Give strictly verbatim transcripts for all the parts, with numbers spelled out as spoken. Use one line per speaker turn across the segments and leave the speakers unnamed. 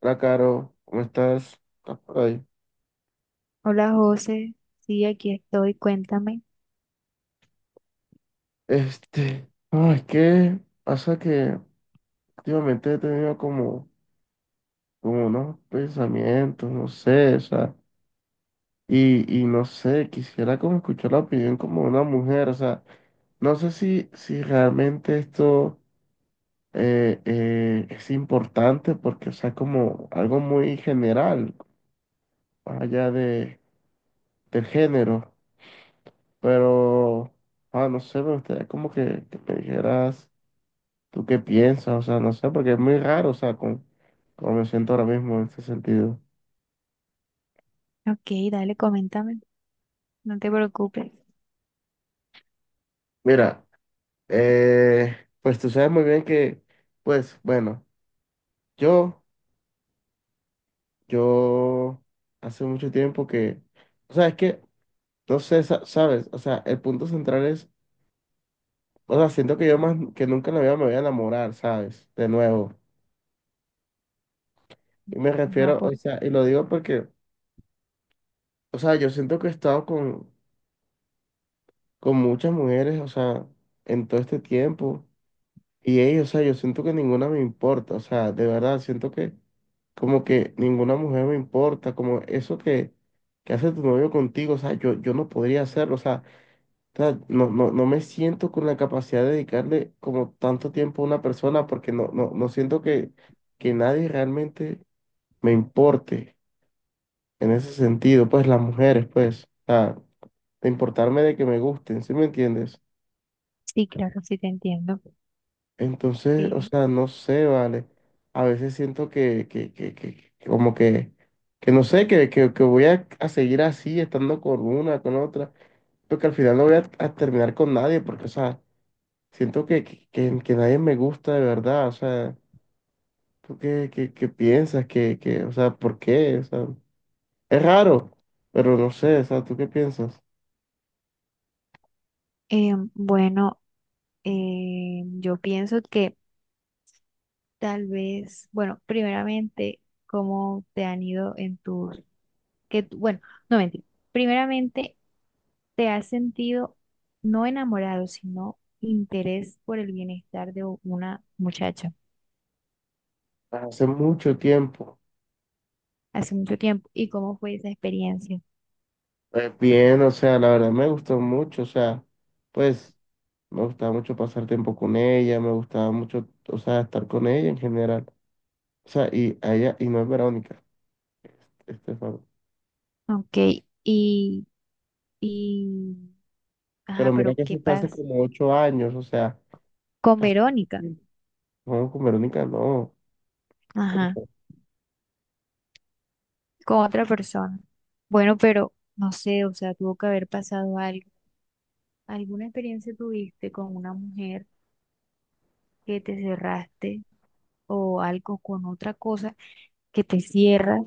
Hola, Caro, ¿cómo estás? ¿Estás por ahí?
Hola José, sí, aquí estoy, cuéntame.
Este, no, es que pasa que últimamente he tenido como, como unos pensamientos, no sé, o sea, y, y no sé, quisiera como escuchar la opinión como de una mujer, o sea, no sé si, si realmente esto eh, eh, es importante porque, o sea, como algo muy general, más allá de, del género, pero, ah, no sé, me gustaría como que, que me dijeras. ¿Tú qué piensas? O sea, no sé, porque es muy raro, o sea, con, como me siento ahora mismo en ese sentido.
Ok, dale, coméntame, no te preocupes.
Mira, eh, pues tú sabes muy bien que, pues, bueno, yo, yo hace mucho tiempo que, o sea, es que, no sé, sa- sabes, o sea, el punto central es, o sea, siento que yo más que nunca en la vida me voy a enamorar, ¿sabes? De nuevo. Y me
Ajá,
refiero, o
por...
sea, y lo digo porque, o sea, yo siento que he estado con, con muchas mujeres, o sea, en todo este tiempo. Y ellos, o sea, yo siento que ninguna me importa, o sea, de verdad, siento que como que ninguna mujer me importa, como eso que, que hace tu novio contigo, o sea, yo, yo no podría hacerlo, o sea, o sea, no, no, no me siento con la capacidad de dedicarle como tanto tiempo a una persona porque no, no, no siento que, que nadie realmente me importe en ese sentido, pues las mujeres, pues, o sea, de importarme de que me gusten, ¿sí me entiendes?
Sí, claro, sí te entiendo.
Entonces, o
Eh,
sea, no sé, vale. A veces siento que, que, que, que- que como que, que no sé, que, que, que voy a, a seguir así, estando con una, con otra, porque al final no voy a, a terminar con nadie, porque, o sea, siento que, que, que- que nadie me gusta de verdad, o sea, ¿tú qué, qué, qué piensas? que que o sea, ¿por qué? O sea, es raro, pero no sé, o sea, ¿tú qué piensas?
eh, bueno, eh, yo pienso que tal vez, bueno, primeramente, cómo te han ido en tus, que, tú- bueno, no mentira, primeramente, te has sentido no enamorado, sino interés por el bienestar de u- una muchacha
Hace mucho tiempo.
hace mucho tiempo y cómo fue esa experiencia.
Pues bien, o sea, la verdad me gustó mucho, o sea, pues me gustaba mucho pasar tiempo con ella, me gustaba mucho, o sea, estar con ella en general. O sea, y a ella, y no es Verónica, Estefan.
Ok, y, y, ajá,
Pero mira
pero
que
¿qué
eso fue hace
pasa
como ocho años, o sea,
con
hace mucho
Verónica?
tiempo. No, con Verónica no,
Ajá,
Estefan.
con otra persona. Bueno, pero no sé, o sea, tuvo que haber pasado algo. ¿Alguna experiencia tuviste con una mujer que te cerraste o algo con otra cosa que te cierras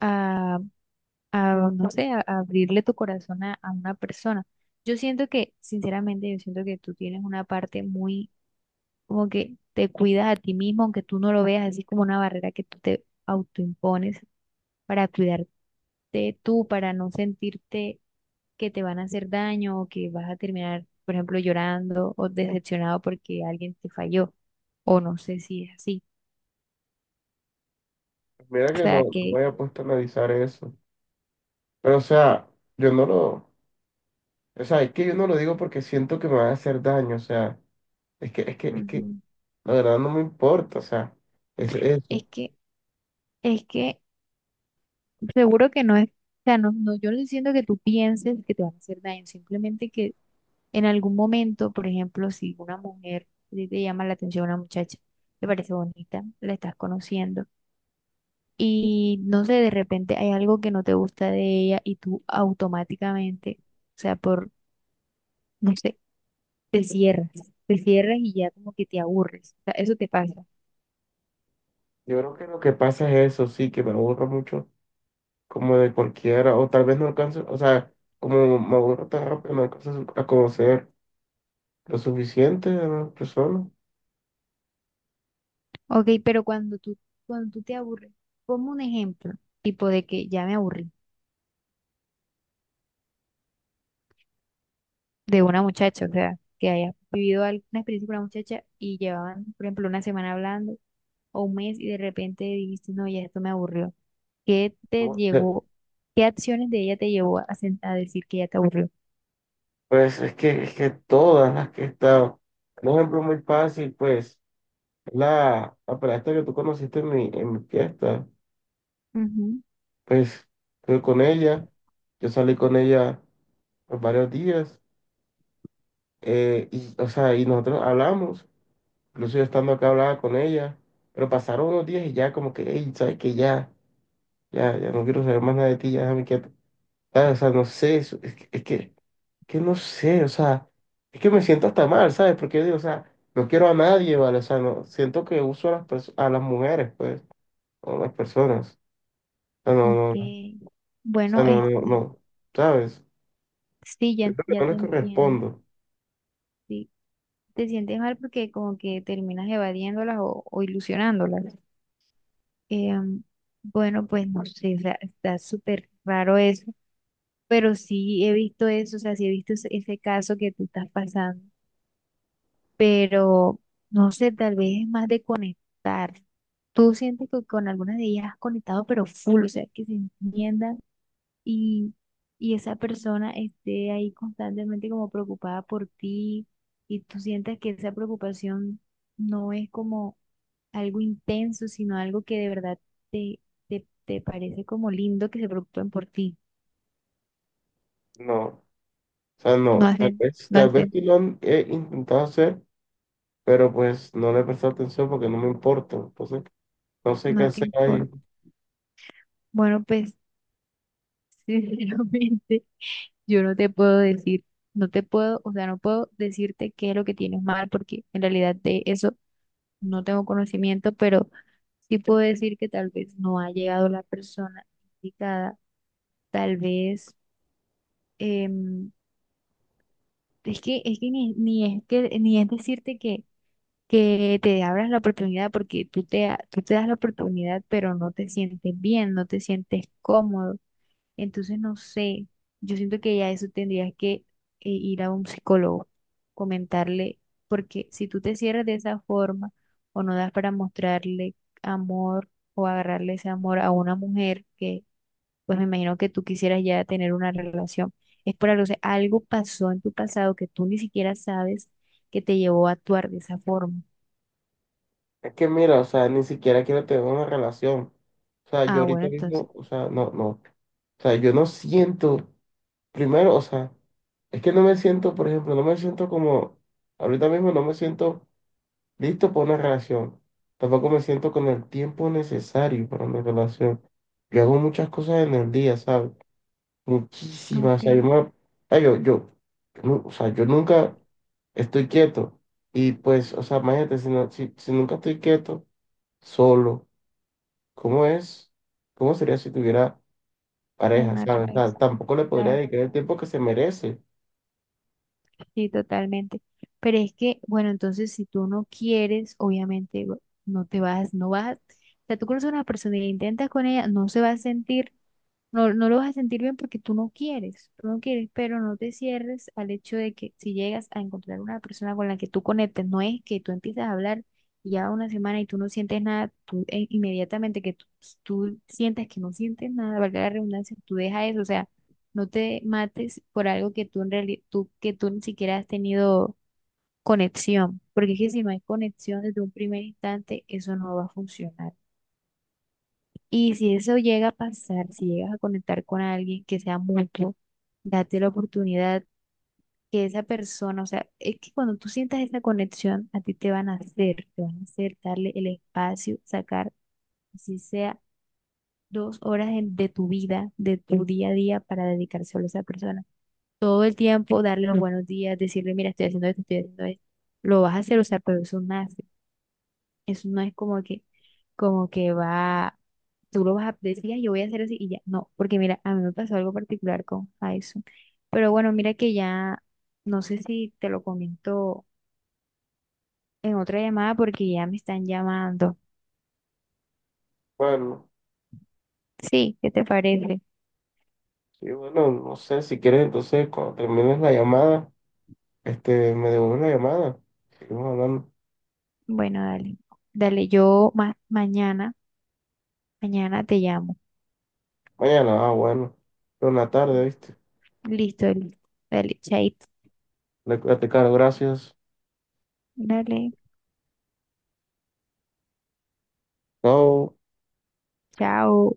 a, a, no sé, a, a abrirle tu corazón a, a una persona? Yo siento que, sinceramente, yo siento que tú tienes una parte muy como que te cuidas a ti mismo, aunque tú no lo veas así como una barrera que tú te autoimpones para cuidarte tú, para no sentirte que te van a hacer daño o que vas a terminar, por ejemplo, llorando o decepcionado porque alguien te falló, o no sé si es así.
Mira
O
que no,
sea
no me
que
había puesto a analizar eso. Pero, o sea, yo no lo, o sea, es que yo no lo digo porque siento que me va a hacer daño, o sea, es que, es que, es que,
Ujú.
la verdad no me importa, o sea, es
es
eso.
que, es que Seguro que no es, o sea, no, no, yo no estoy diciendo que tú pienses que te van a hacer daño, simplemente que en algún momento, por ejemplo, si una mujer a ti te llama la atención una muchacha, te parece bonita, la estás conociendo y no sé, de repente hay algo que no te gusta de ella y tú automáticamente, o sea, por, no sé, te cierras, te cierras y ya como que te aburres, o sea, eso te pasa.
Yo creo que lo que pasa es eso, sí, que me aburro mucho, como de cualquiera, o tal vez no alcanzo, o sea, como me aburro tan rápido, no alcanzo a conocer lo suficiente de las personas.
Ok, pero cuando tú, cuando tú te aburres, como un ejemplo, tipo de que ya me aburrí de una muchacha, o sea, que haya vivido alguna experiencia con una muchacha y llevaban, por ejemplo, una semana hablando o un mes y de repente dijiste, no, ya esto me aburrió. ¿Qué te
Bueno,
llegó, qué acciones de ella te llevó a, sen- a decir que ya te aburrió?
pues es que, es que todas las que he estado, un ejemplo muy fácil, pues, es la, la pelada que tú conociste en mi, en mi fiesta,
Ujú,
pues, estuve con ella, yo salí con ella por varios días, eh, y, o sea, y nosotros hablamos. Incluso yo estando acá hablaba con ella, pero pasaron unos días y ya como que, hey, ¿sabes que ya, ya, ya no quiero saber más nada de ti, ya déjame quieto? ¿Sabes? O sea, no sé, eso- es que, es que, que no sé, o sea, es que me siento hasta mal, ¿sabes? Porque yo digo, o sea, no quiero a nadie, ¿vale? O sea, no, siento que uso a las perso- a las mujeres, pues, o a las personas. O sea, no,
ok.
no, no, o
Bueno,
sea, no, no,
este,
no, ¿sabes?
sí, ya,
Siento que
ya
no
te
les
entiendo.
correspondo,
Sí, te sientes mal porque como que terminas evadiéndolas o, o ilusionándolas. Em, bueno, pues no sé, o sea, está súper raro eso pero sí he visto eso, o sea, sí he visto ese, ese caso que tú estás pasando, pero no sé, tal vez es más de conectar. Tú sientes que con alguna de ellas has conectado, pero full, o sea, que se entiendan y, y esa persona esté ahí constantemente como preocupada por ti y tú sientes que esa preocupación no es como algo intenso, sino algo que de verdad te, te, te parece como lindo que se preocupen por ti.
no, o sea,
No
no, tal
hacen,
vez,
no
tal vez
hacen,
sí lo han- he intentado hacer, pero pues no le presté atención porque no me importa. Entonces, no sé qué
no te
hacer
importa.
ahí.
Bueno, pues sinceramente yo no te puedo decir, no te puedo, o sea, no puedo decirte qué es lo que tienes mal, porque en realidad de eso no tengo conocimiento, pero sí puedo decir que tal vez no ha llegado la persona indicada, tal vez, em, es que, es que ni, ni es que, ni es decirte que, que te abras la oportunidad, porque tú te, ha- tú te das la oportunidad, pero no te sientes bien, no te sientes cómodo. Entonces, no sé, yo siento que ya eso tendrías que eh, ir a un psicólogo, comentarle, porque si tú te cierras de esa forma o no das para mostrarle amor o agarrarle ese amor a una mujer que, pues me imagino que tú quisieras ya tener una relación, es por algo, o sea, algo pasó en tu pasado que tú ni siquiera sabes que te llevó a actuar de esa forma.
Es que mira, o sea, ni siquiera quiero tener una relación. O sea, yo
Ah, bueno,
ahorita
entonces,
mismo, o sea, no, no. O sea, yo no siento, primero, o sea, es que no me siento, por ejemplo, no me siento como, ahorita mismo no me siento listo para una relación. Tampoco me siento con el tiempo necesario para una relación. Yo hago muchas cosas en el día, ¿sabes? Muchísimas. O sea, yo,
ok,
me- ah, yo, yo, yo no, o sea, yo nunca estoy quieto. Y pues, o sea, imagínate, si, no, si, si nunca estoy quieto, solo, ¿cómo es? ¿Cómo sería si tuviera pareja,
una
sabes? O sea,
relación.
tampoco le podría dedicar el tiempo que se merece.
Sí, totalmente. Pero es que, bueno, entonces si tú no quieres, obviamente bu- no te vas, no vas. O sea, tú conoces a una persona y la intentas con ella, no se va a sentir no, no lo vas a sentir bien porque tú no quieres, tú no quieres, pero no te cierres al hecho de que si llegas a encontrar una persona con la que tú conectes, no es que tú empiezas a hablar y ya una semana y tú no sientes nada, tú eh, inmediatamente que tú, tú sientas que no sientes nada, valga la redundancia, tú dejas eso, o sea, no te mates por algo que tú en realidad, tú, que tú ni siquiera has tenido conexión, porque es que si no hay conexión desde un primer instante, eso no va a funcionar. Y si eso llega a pasar, si llegas a conectar con alguien que sea mutuo, date la oportunidad que esa persona, o sea, es que cuando tú sientas esa conexión, a ti te van a hacer, te van a hacer darle el espacio, sacar, si sea dos horas en- de tu vida, de tu día a día, para dedicar solo a esa persona. Todo el tiempo, darle los buenos días, decirle, mira, estoy haciendo esto, estoy haciendo esto. Lo vas a hacer, o sea, pero eso una eso no es como que, como que va, tú lo vas a decir, "Ay, yo voy a hacer así y ya." No, porque mira, a mí me pasó algo particular con Faison. Pero bueno, mira que ya, no sé si te lo comento en otra llamada porque ya me están llamando.
Bueno,
Sí, ¿qué te parece?
sí, bueno, no sé, si quieres, entonces, cuando termines la llamada, este, me devuelves la llamada. Seguimos hablando
Bueno, dale. Dale, yo ma- mañana, mañana te llamo.
mañana, ah, bueno, pero en la tarde, ¿viste?
Listo, listo. Dale, chaito.
Le, te caro, gracias.
Dale,
Chao.
chao.